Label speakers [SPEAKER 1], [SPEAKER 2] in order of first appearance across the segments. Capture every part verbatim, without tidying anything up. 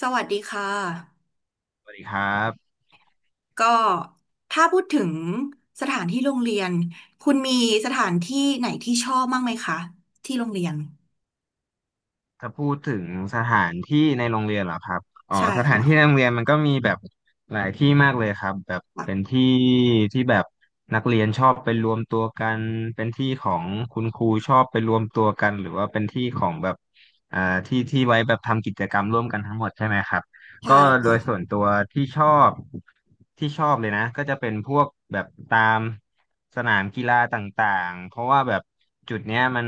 [SPEAKER 1] สวัสดีค่ะ
[SPEAKER 2] สวัสดีครับ
[SPEAKER 1] ก็ถ้าพูดถึงสถานที่โรงเรียนคุณมีสถานที่ไหนที่ชอบบ้างไหมคะที่โรงเรียน
[SPEAKER 2] ถ้าพูดถึงสถานที่ในโรงเรียนเหรอครับอ๋อ
[SPEAKER 1] ใช่
[SPEAKER 2] สถานที่ใน
[SPEAKER 1] ค่ะ
[SPEAKER 2] โรงเรียนมันก็มีแบบหลายที่มากเลยครับแบบเป็น
[SPEAKER 1] ค่ะ
[SPEAKER 2] ที่ที่แบบนักเรียนชอบไปรวมตัวกันเป็นที่ของคุณครูชอบไปรวมตัวกันหรือว่าเป็นที่ของแบบอ่าที่ที่ไว้แบบทำกิจกรรมร่วมกันทั้งหมดใช่ไหมครับ ก็
[SPEAKER 1] ใช่
[SPEAKER 2] โดยส่
[SPEAKER 1] ค่ะ
[SPEAKER 2] วนตัวที่ชอบที่ชอบเลยนะก็จะเป็นพวกแบบตามสนามกีฬาต่างๆเพราะว่าแบบจุดเนี้ยมัน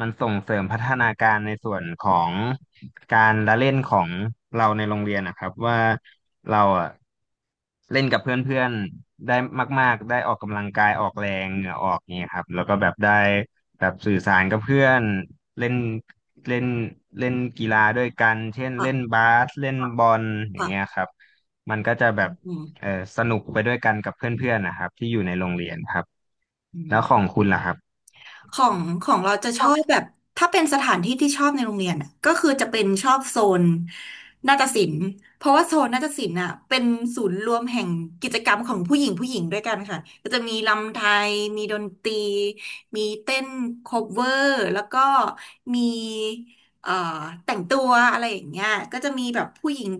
[SPEAKER 2] มันส่งเสริมพัฒนาการในส่วนของการละเล่นของเราในโรงเรียนนะครับว่าเราอะเล่นกับเพื่อนๆได้มากๆได้ออกกำลังกายออกแรงเหงื่อออกเนี่ยครับแล้วก็แบบได้ แบบสื่อสารกับเพื่อนเล่นเล่นเล่นกีฬาด้วยกันเช่น
[SPEAKER 1] ค่ะ
[SPEAKER 2] เล่นบาสเล่นบอลอย่าง
[SPEAKER 1] ค่ะ
[SPEAKER 2] เงี้ยครับมันก็จะแบ
[SPEAKER 1] อื
[SPEAKER 2] บ
[SPEAKER 1] ม
[SPEAKER 2] เออสนุกไปด้วยกันกับเพื่อนๆนะครับที่อยู่ในโรงเรียนครับ
[SPEAKER 1] อื
[SPEAKER 2] แล้
[SPEAKER 1] ม
[SPEAKER 2] วของคุณล่ะครับ
[SPEAKER 1] ของของเราจะชอบแบบถ้าเป็นสถานที่ที่ชอบในโรงเรียนอะก็คือจะเป็นชอบโซนนาฏศิลป์เพราะว่าโซนนาฏศิลป์อ่ะเป็นศูนย์รวมแห่งกิจกรรมของผู้หญิงผู้หญิงด้วยกันค่ะก็จะมีรำไทยมีดนตรีมีเต้นโคเวอร์แล้วก็มีเอ่อแต่งตัวอะไรอย่างเงี้ยก็จะมีแบบผู้หญิง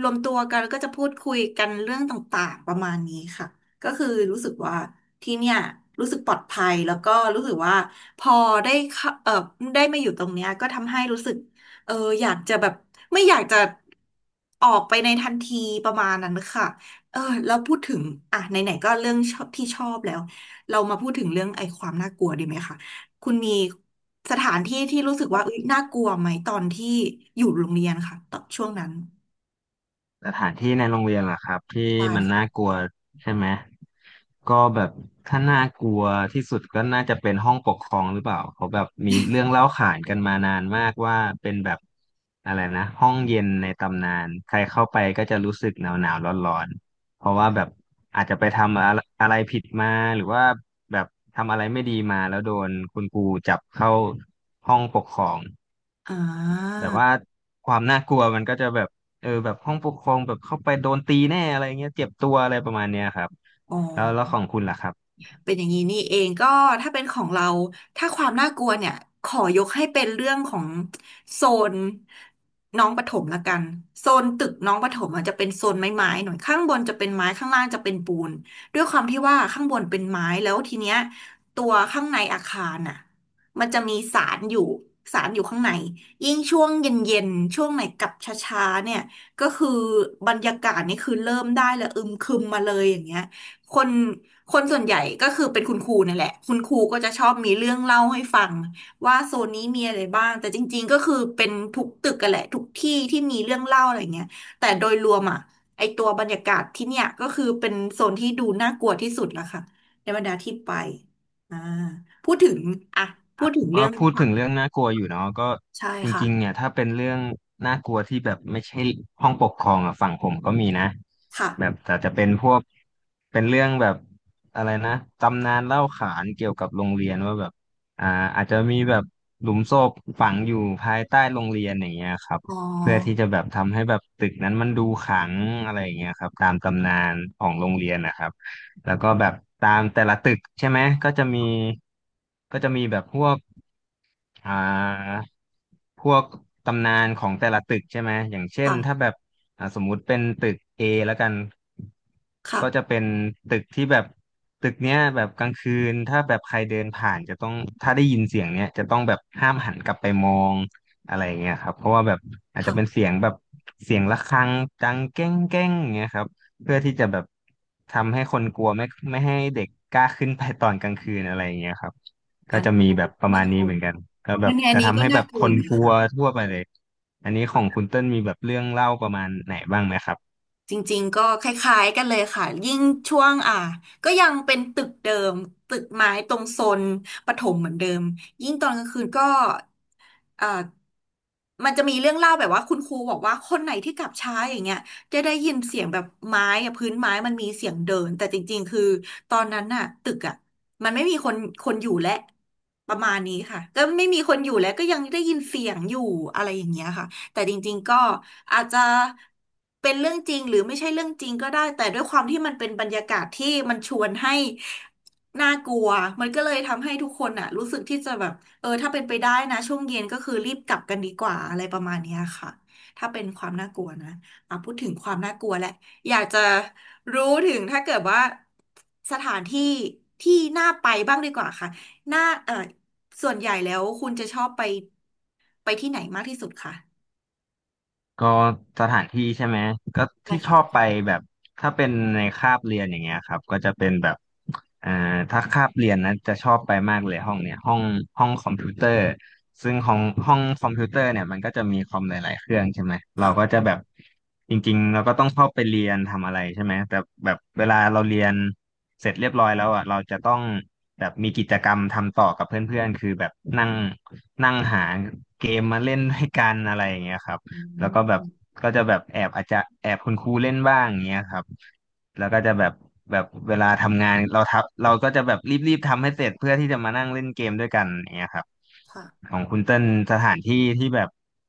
[SPEAKER 1] รวมตัวกันแล้วก็จะพูดคุยกันเรื่องต่างๆประมาณนี้ค่ะ ก็คือรู้สึกว่าที่เนี่ยรู้สึกปลอดภัยแล้วก็รู้สึกว่าพอได้เข้าเออได้มาอยู่ตรงเนี้ยก็ทำให้รู้สึกเอออยากจะแบบไม่อยากจะออกไปในทันทีประมาณนั้นค่ะเออแล้วพูดถึงอ่ะไหนๆก็เรื่องชอบที่ชอบแล้วเรามาพูดถึงเรื่องไอ้ความน่ากลัวดีไหมคะคุณมีสถานที่ที่รู้สึกว่าอุ๊ยน่ากลัวไหมตอนที่อยู่โรงเรียนค่ะตอนช่วงนั้น
[SPEAKER 2] สถานที่ในโรงเรียนล่ะครับที่
[SPEAKER 1] ใช่
[SPEAKER 2] มันน่า
[SPEAKER 1] ค่ะ
[SPEAKER 2] กลัวใช่ไหมก็แบบถ้าน่ากลัวที่สุดก็น่าจะเป็นห้องปกครองหรือเปล่าเขาแบบมีเรื่องเล่าขานกันมานานมากว่าเป็นแบบอะไรนะห้องเย็นในตำนานใครเข้าไปก็จะรู้สึกหนาวหนาวร้อนร้อนๆเพราะว่าแบบอาจจะไปทำอะไรอะไรผิดมาหรือว่าแบบทำอะไรไม่ดีมาแล้วโดนคุณครูจับเข้าห้องปกครอง
[SPEAKER 1] อ่า
[SPEAKER 2] แบบว่าความน่ากลัวมันก็จะแบบเออแบบห้องปกครองแบบเข้าไปโดนตีแน่อะไรเงี้ยเจ็บตัวอะไรประมาณเนี้ยครับ
[SPEAKER 1] อ๋
[SPEAKER 2] แล้วแล้ว
[SPEAKER 1] อ
[SPEAKER 2] ของคุณล่ะครับ
[SPEAKER 1] เป็นอย่างนี้นี่เองก็ถ้าเป็นของเราถ้าความน่ากลัวเนี่ยขอยกให้เป็นเรื่องของโซนน้องประถมละกันโซนตึกน้องประถมอาจจะเป็นโซนไม้ๆหน่อยข้างบนจะเป็นไม้ข้างล่างจะเป็นปูนด้วยความที่ว่าข้างบนเป็นไม้แล้วทีเนี้ยตัวข้างในอาคารน่ะมันจะมีสารอยู่สารอยู่ข้างในยิ่งช่วงเย็นๆช่วงไหนกลับช้าๆเนี่ยก็คือบรรยากาศนี่คือเริ่มได้เลยอึมครึมมาเลยอย่างเงี้ย คนคนส่วนใหญ่ก็คือเป็นคุณครูนั่นแหละคุณครูก็จะชอบมีเรื่องเล่าให้ฟังว่าโซนนี้มีอะไรบ้างแต่จริงๆก็คือเป็นทุกตึกกันแหละทุกที่ที่มีเรื่องเล่าอะไรเงี้ยแต่โดยรวมอ่ะไอตัวบรรยากาศที่เนี่ยก็คือเป็นโซนที่ดูน่ากลัวที่สุดละค่ะในบรรดาที่ไปอ่าพูดถึงอ่ะพูดถึง
[SPEAKER 2] ก็
[SPEAKER 1] เรื่อง
[SPEAKER 2] พูดถึง
[SPEAKER 1] ค่ะ
[SPEAKER 2] เรื่องน่ากลัวอยู่เนาะก็
[SPEAKER 1] ใช่
[SPEAKER 2] จ
[SPEAKER 1] ค่ะ
[SPEAKER 2] ริงๆเนี่ยถ้าเป็นเรื่องน่ากลัวที่แบบไม่ใช่ห้องปกครองอ่ะฝั่งผมก็มีนะแบบ
[SPEAKER 1] ค่ะ
[SPEAKER 2] แต่จะเป็นพวกเป็นเรื่องแบบอะไรนะตำนานเล่าขานเกี่ยวกับโรงเรียนว่าแบบอ่าอาจจะมีแบบหลุมศพฝังอยู่ภายใต้โรงเรียนอย่างเงี้ยครับ
[SPEAKER 1] อ๋อ
[SPEAKER 2] เพื่อที่จะแบบทำให้แบบตึกนั้นมันดูขลังอะไรอย่างเงี้ยครับตามตำนานของโรงเรียนนะครับแล้วก็แบบตามแต่ละตึกใช่ไหมก็จะมีก็จะมีแบบพวก อ่าพวกตำนานของแต่ละตึกใช่ไหมอย่างเช่นถ้า
[SPEAKER 1] ค่ะ
[SPEAKER 2] แบบอ่าสมมุติเป็นตึก เอ แล้วกันก็จะ
[SPEAKER 1] ค่ะ
[SPEAKER 2] เป็นตึกที่แบบตึกเนี้ยแบบกลางคืนถ้าแบบใครเดินผ่านจะต้องถ้าได้ยินเสียงเนี้ยจะต้องแบบห้ามหันกลับไปมองอะไรเงี้ยครับเพราะว่าแบบอาจจะเป็นเสี
[SPEAKER 1] ค่ะ
[SPEAKER 2] ยงแบบเสียงระฆังดังแก้งแก้งเงี้ยครับเพื่อที่จะแบบทำให้คนกลัวไม่ไม่ให้เด็กกล้าขึ้นไปตอนกลางคืนอะไรเงี้ยครับ ก็
[SPEAKER 1] อัน
[SPEAKER 2] จะ
[SPEAKER 1] นี้
[SPEAKER 2] มีแบบประมา
[SPEAKER 1] น่า
[SPEAKER 2] ณ
[SPEAKER 1] ก
[SPEAKER 2] นี้
[SPEAKER 1] ลัว
[SPEAKER 2] เหมือนกันก็แบ
[SPEAKER 1] งั้
[SPEAKER 2] บ
[SPEAKER 1] นอัน
[SPEAKER 2] จะ
[SPEAKER 1] นี้
[SPEAKER 2] ทำ
[SPEAKER 1] ก็
[SPEAKER 2] ให้แบ
[SPEAKER 1] น่า
[SPEAKER 2] บ
[SPEAKER 1] ก
[SPEAKER 2] ค
[SPEAKER 1] ลัวอ
[SPEAKER 2] น
[SPEAKER 1] ยู่
[SPEAKER 2] ก
[SPEAKER 1] นะ
[SPEAKER 2] ลัว
[SPEAKER 1] คะ
[SPEAKER 2] ทั่วไปเลย อันนี้ของคุณเติ้ลมีแบบเรื่องเล่าประมาณไหนบ้างไหมครับ
[SPEAKER 1] จริงๆก็คล้ายๆกันเลยค่ะยิ่งช่วงอ่ะก็ยังเป็นตึกเดิมตึกไม้ตรงโซนปฐมเหมือนเดิมยิ่งตอนกลางคืนก็เอ่อมันจะมีเรื่องเล่าแบบว่าคุณครูบอกว่าคนไหนที่กลับช้าอย่างเงี้ยจะได้ยินเสียงแบบไม้อะพื้นไม้มันมีเสียงเดินแต่จริงๆคือตอนนั้นน่ะตึกอ่ะมันไม่มีคนคนอยู่และประมาณนี้ค่ะก็ไม่มีคนอยู่แล้วก็ยังได้ยินเสียงอยู่อะไรอย่างเงี้ยค่ะ แต่จริงๆก็อาจจะเป็นเรื่องจริงหรือไม่ใช่เรื่องจริงก็ได้แต่ด้วยความที่มันเป็นบรรยากาศที่มันชวนให้น่ากลัวมันก็เลยทำให้ทุกคนอ่ะรู้สึกที่จะแบบเออถ้าเป็นไปได้นะช่วงเย็นก็คือรีบกลับกันดีกว่าอะไรประมาณเนี้ยค่ะถ้าเป็นความน่ากลัวนะอ่ะพูดถึงความน่ากลัวแหละอยากจะรู้ถึงถ้าเกิดว่าสถานที่ที่น่าไปบ้างดีกว่าค่ะน่าเออส่วนใหญ่แล้วคุณจะชอบไปไปที่ไหนมากที่สุดคะ
[SPEAKER 2] ก็สถานที่ใช่ไหมก็
[SPEAKER 1] ใช่
[SPEAKER 2] ที่ช
[SPEAKER 1] ค่ะ
[SPEAKER 2] อบไปแบบถ้าเป็นในคาบเรียนอย่างเงี้ยครับก็จะเป็นแบบอ่าถ้าคาบเรียนนะจะชอบไปมากเลยห้องเนี่ยห้องห้องคอมพิวเตอร์ซึ่งของห้องคอมพิวเตอร์เนี่ยมันก็จะมีคอมหลายๆเครื่องใช่ไหมเราก็
[SPEAKER 1] ค่ะ
[SPEAKER 2] จะแบบจริงๆเราก็ต้องเข้าไปเรียนทำอะไรใช่ไหมแต่แบบเวลาเราเรียนเสร็จเรียบร้อยแล้วอ่ะเราจะต้องแบบมีกิจกรรมทำต่อกับเพื่อนๆคือแบบนั่งนั่งหาเกมมาเล่นด้วยกันอะไรอย่างเงี้ยครับ
[SPEAKER 1] อื
[SPEAKER 2] แล้วก็แบบ
[SPEAKER 1] ม
[SPEAKER 2] ก็จะแบบแอบอาจจะแอบคุณครูเล่นบ้างอย่างเงี้ยครับแล้วก็จะแบบแบบเวลาทำงานเราทับเราก็จะแบบรีบๆทำให้เสร็จเพื่อที่จะมานั่งเล่นเกมด้วยกันอย่างเงี้ยครับ
[SPEAKER 1] ค่ะ
[SPEAKER 2] ของคุณเต้นสถานที่ที่แบบ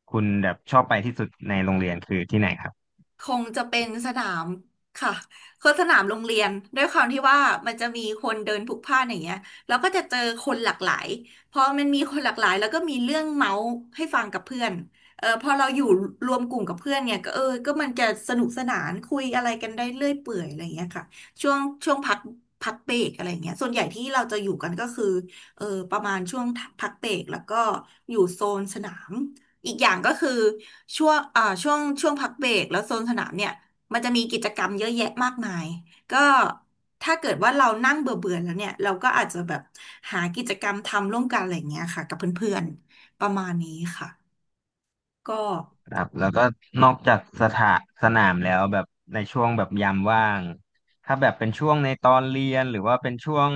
[SPEAKER 2] คุณแบบชอบไปที่สุดในโรงเรียนคือที่ไหนครับ
[SPEAKER 1] คงจะเป็นสนามค่ะคือสนามโรงเรียนด้วยความที่ว่ามันจะมีคนเดินพลุกพล่านอย่างเงี้ยแล้วก็จะเจอคนหลากหลายพอมันมีคนหลากหลายแล้วก็มีเรื่องเมาส์ให้ฟังกับเพื่อนเออพอเราอยู่รวมกลุ่มกับเพื่อนเนี่ยก็เออก็มันจะสนุกสนานคุยอะไรกันได้เรื่อยเปื่อยอะไรอย่างเงี้ยค่ะช่วงช่วงพักพักเบรกอะไรอย่างเงี้ยส่วนใหญ่ที่เราจะอยู่กันก็คือเออประมาณช่วงพักเบรกแล้วก็อยู่โซนสนาม อีกอย่างก็คือช่วงอ่าช่วงช่วงพักเบรกแล้วโซนสนามเนี่ยมันจะมีกิจกรรมเยอะแยะมากมายก็ถ้าเกิดว่าเรานั่งเบื่อเบื่อแล้วเนี่ยเราก็อาจจะแบบหากิจกรรมทำร่วมกันอะไรอย่างเงี้ยค่ะกับเพื่อนๆประมาณนี้ค่ะก็
[SPEAKER 2] ครับแล้วก็นอกจากสถาสนามแล้วแบบในช่วงแบบยามว่างถ้าแบบเป็นช่วงในตอนเรียนหรือว่าเป็นช่วง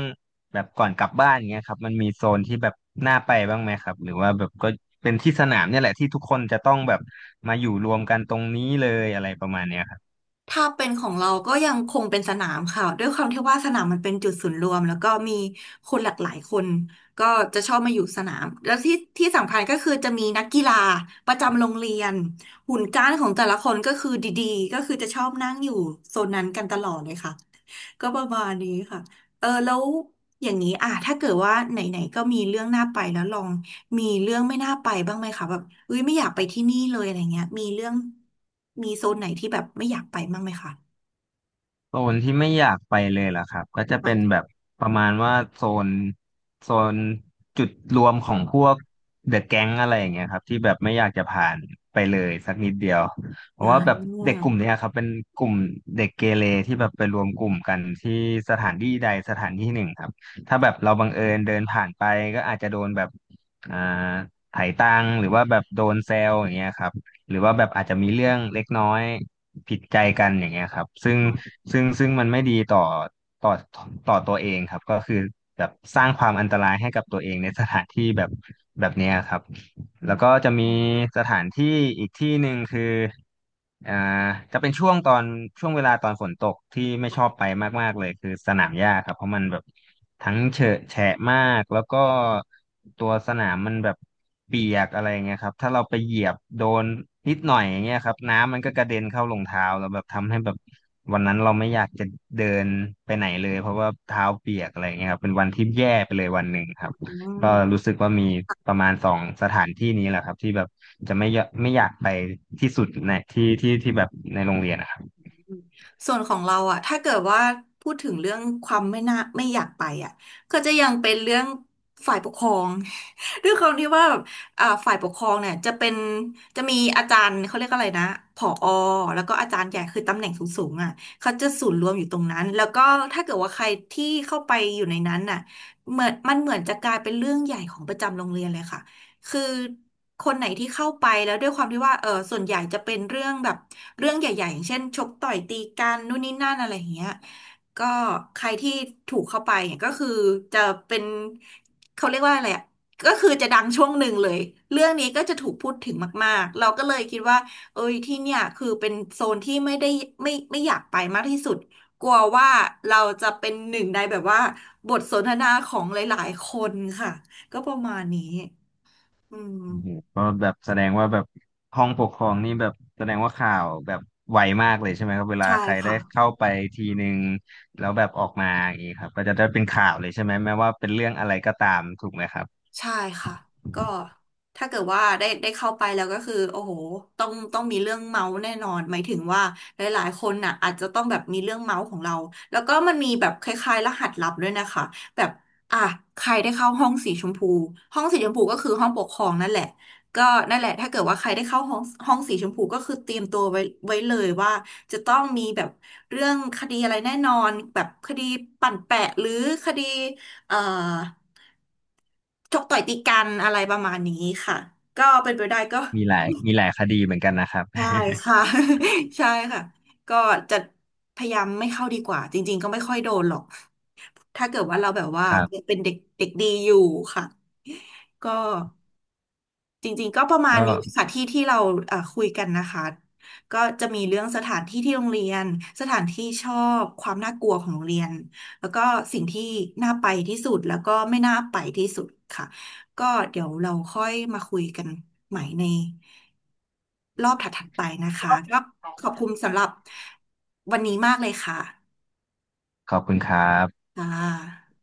[SPEAKER 2] แบบก่อนกลับบ้านเงี้ยครับมันมีโซนที่แบบน่าไปบ้างไหมครับหรือว่าแบบก็เป็นที่สนามเนี่ยแหละที่ทุกคนจะต้องแบบมาอยู่รวมกันตรงนี้เลยอะไรประมาณเนี้ย
[SPEAKER 1] ถ้าเป็นของเราก็ยังคงเป็นสนามค่ะด้วยความที่ว่าสนามมันเป็นจุดศูนย์รวมแล้วก็มีคนหลากหลายคนก็จะชอบมาอยู่สนามแล้วที่ที่สำคัญก็คือจะมีนักกีฬาประจำโรงเรียนหุ่นก้านของแต่ละคนก็คือดีๆก็คือจะชอบนั่งอยู่โซนนั้นกันตลอดเลยค่ะ ก็ประมาณนี้ค่ะ เออแล้วอย่างนี้อ่ะถ้าเกิดว่าไหนๆก็มีเรื่องน่าไปแล้วลอง มีเรื่องไม่น่าไปบ้างไหมคะแบบเอ้ยไม่อยากไปที่นี่เลยอะไรเงี้ยมีเรื่องมีโซนไหนที่แบบไม่อยากไปบ้างไหมคะ
[SPEAKER 2] โซนที่ไม่อยากไปเลยล่ะครับก็จะ
[SPEAKER 1] อ
[SPEAKER 2] เป็น
[SPEAKER 1] อ
[SPEAKER 2] แบบประมาณว่าโซนโซนจุดรวมของพวกเดอะแก๊งอะไรอย่างเงี้ยครับที่แบบไม่อยากจะผ่านไปเลยสักนิดเดียวเพ
[SPEAKER 1] อ่
[SPEAKER 2] ราะว่าแบบเด็
[SPEAKER 1] า
[SPEAKER 2] กกลุ่มเนี้ยครับเป็นกลุ่มเด็กเกเรที่แบบไปรวมกลุ่มกันที่สถานที่ใดสถานที่หนึ่งครับถ้าแบบเราบังเอิญเดินผ่านไปก็อาจจะโดนแบบอ่าไถ่ตังค์หรือว่าแบบโดนแซวอย่างเงี้ยครับหรือว่าแบบอาจจะมีเรื่องเล็กน้อย ผิดใจกันอย่างเงี้ยครับซึ่งซึ่งซึ่งมันไม่ดีต่อต่อต่อตัวเองครับก็คือแบบสร้างความอันตรายให้กับตัวเองในสถานที่แบบแบบเนี้ยครับแล้วก็จะมีสถานที่อีกที่หนึ่งคืออ่าจะเป็นช่วงตอนช่วงเวลาตอนฝนตกที่ไม่ชอบไปมากๆเลยคือสนามหญ้าครับเพราะมันแบบ ทั้งเฉอะแฉะมากแล้วก็ตัวสนามมันแบบเปียกอะไรเงี้ยครับถ้าเราไปเหยียบโดนนิดหน่อยอย่างเงี้ยครับน้ำมันก็กระเด็นเข้ารองเท้าแล้วแบบทำให้แบบวันนั้นเราไม่อยากจะเดินไปไหนเลยเพราะว่าเท้าเปียกอะไรเงี้ยครับเป็นวันที่แย่ไปเลยวันหนึ่งครับ
[SPEAKER 1] อื
[SPEAKER 2] ก็รู้
[SPEAKER 1] ม
[SPEAKER 2] สึกว่ามีประมาณสองสถานที่นี้แหละครับที่แบบจะไม่ยไม่อยากไปที่สุดในที่ที่ที่แบบในโรงเรียนนะครับ
[SPEAKER 1] ส่วนของเราอะถ้าเกิดว่าพูดถึงเรื่องความไม่น่าไม่อยากไปอะก็จะยังเป็นเรื่องฝ่ายปกครอง ด้วยความที่ว่าแบบอ่าฝ่ายปกครองเนี่ยจะเป็นจะมีอาจารย์เขาเรียกอะไรนะผอแล้วก็อาจารย์ใหญ่คือตำแหน่งสูงๆอะเขาจะศูนย์รวมอยู่ตรงนั้นแล้วก็ถ้าเกิดว่าใครที่เข้าไปอยู่ในนั้นน่ะเหมือนมันเหมือนจะกลายเป็นเรื่องใหญ่ของประจำโรงเรียนเลยค่ะ คือคนไหนที่เข้าไปแล้วด้วยความที่ว่าเออส่วนใหญ่จะเป็นเรื่องแบบเรื่องใหญ่ๆอย่างเช่นชกต่อยตีกันนู่นนี่นั่นอะไรอย่างเงี้ยก็ใครที่ถูกเข้าไปเนี่ยก็คือจะเป็นเขาเรียกว่าอะไรอะก็คือจะดังช่วงหนึ่งเลยเรื่องนี้ก็จะถูกพูดถึงมากๆเราก็เลยคิดว่าเอ้ยที่เนี่ยคือเป็นโซนที่ไม่ได้ไม่ไม่อยากไปมากที่สุดกลัวว่าเราจะเป็นหนึ่งในแบบว่าบทสนทนาของหลายๆคนค่ะก็ประมาณนี้ อืม
[SPEAKER 2] โอ้โหก็แบบแสดงว่าแบบห้องปกครองนี่แบบแสดงว่าข่าวแบบไวมากเลยใช่ไหมครับเวลา
[SPEAKER 1] ใช่
[SPEAKER 2] ใครได้
[SPEAKER 1] ค่ะ
[SPEAKER 2] เข้าไปทีหนึ่งแล้วแบบออกมาอย่างนี้ครับก็จะได้เป็นข่าวเลยใช่ไหมแม้ว่าเป็นเรื่องอะไรก็ตามถูกไหมครับ
[SPEAKER 1] ใช่ค่ะก็ถ้าเกิดว่าได้ได้เข้าไปแล้วก็คือโอ้โหต้องต้องมีเรื่องเมาส์แน่นอนหมายถึงว่าหลายๆคนน่ะอาจจะต้องแบบมีเรื่องเมาส์ของเราแล้วก็มันมีแบบคล้ายๆรหัสลับด้วยนะคะแบบอ่ะใครได้เข้าห้องสีชมพูห้องสีชมพูก็คือห้องปกครองนั่นแหละก็นั่นแหละถ้าเกิดว่าใครได้เข้าห้องห้องสีชมพูก็คือเตรียมตัวไว้ไว้เลยว่าจะต้องมีแบบเรื่องคดีอะไรแน่นอนแบบคดีปั่นแปะหรือคดีเอ่อ ชกต่อยตีกันอะไรประมาณนี้ค่ะก็เป็นไปได้ก็
[SPEAKER 2] มีหลายมีหลายคดีเหมือนกันนะครับ
[SPEAKER 1] ใช่ค่ะ ใช่ค่ะก็จะพยายามไม่เข้าดีกว่าจริงๆก็ไม่ค่อยโดนหรอกถ้าเกิดว่าเราแบบว่า
[SPEAKER 2] ครั
[SPEAKER 1] ยัง
[SPEAKER 2] บ
[SPEAKER 1] เป็นเด็กเด็กดีอยู่ค่ะก็ จริงๆก็ประมาณ
[SPEAKER 2] ก็
[SPEAKER 1] นี้ค่ะที่ที่เราเอ่อคุยกันนะคะก็จะมีเรื่องสถานที่ที่โรงเรียนสถานที่ชอบความน่ากลัวของโรงเรียนแล้วก็สิ่งที่น่าไปที่สุดแล้วก็ไม่น่าไปที่สุดค่ะก็เดี๋ยวเราค่อยมาคุยกันใหม่ในรอบถัดๆไปนะคะก็ขอบคุณสำหรับวันนี้มากเลยค่ะ
[SPEAKER 2] ขอบคุณครับ
[SPEAKER 1] ค่ะ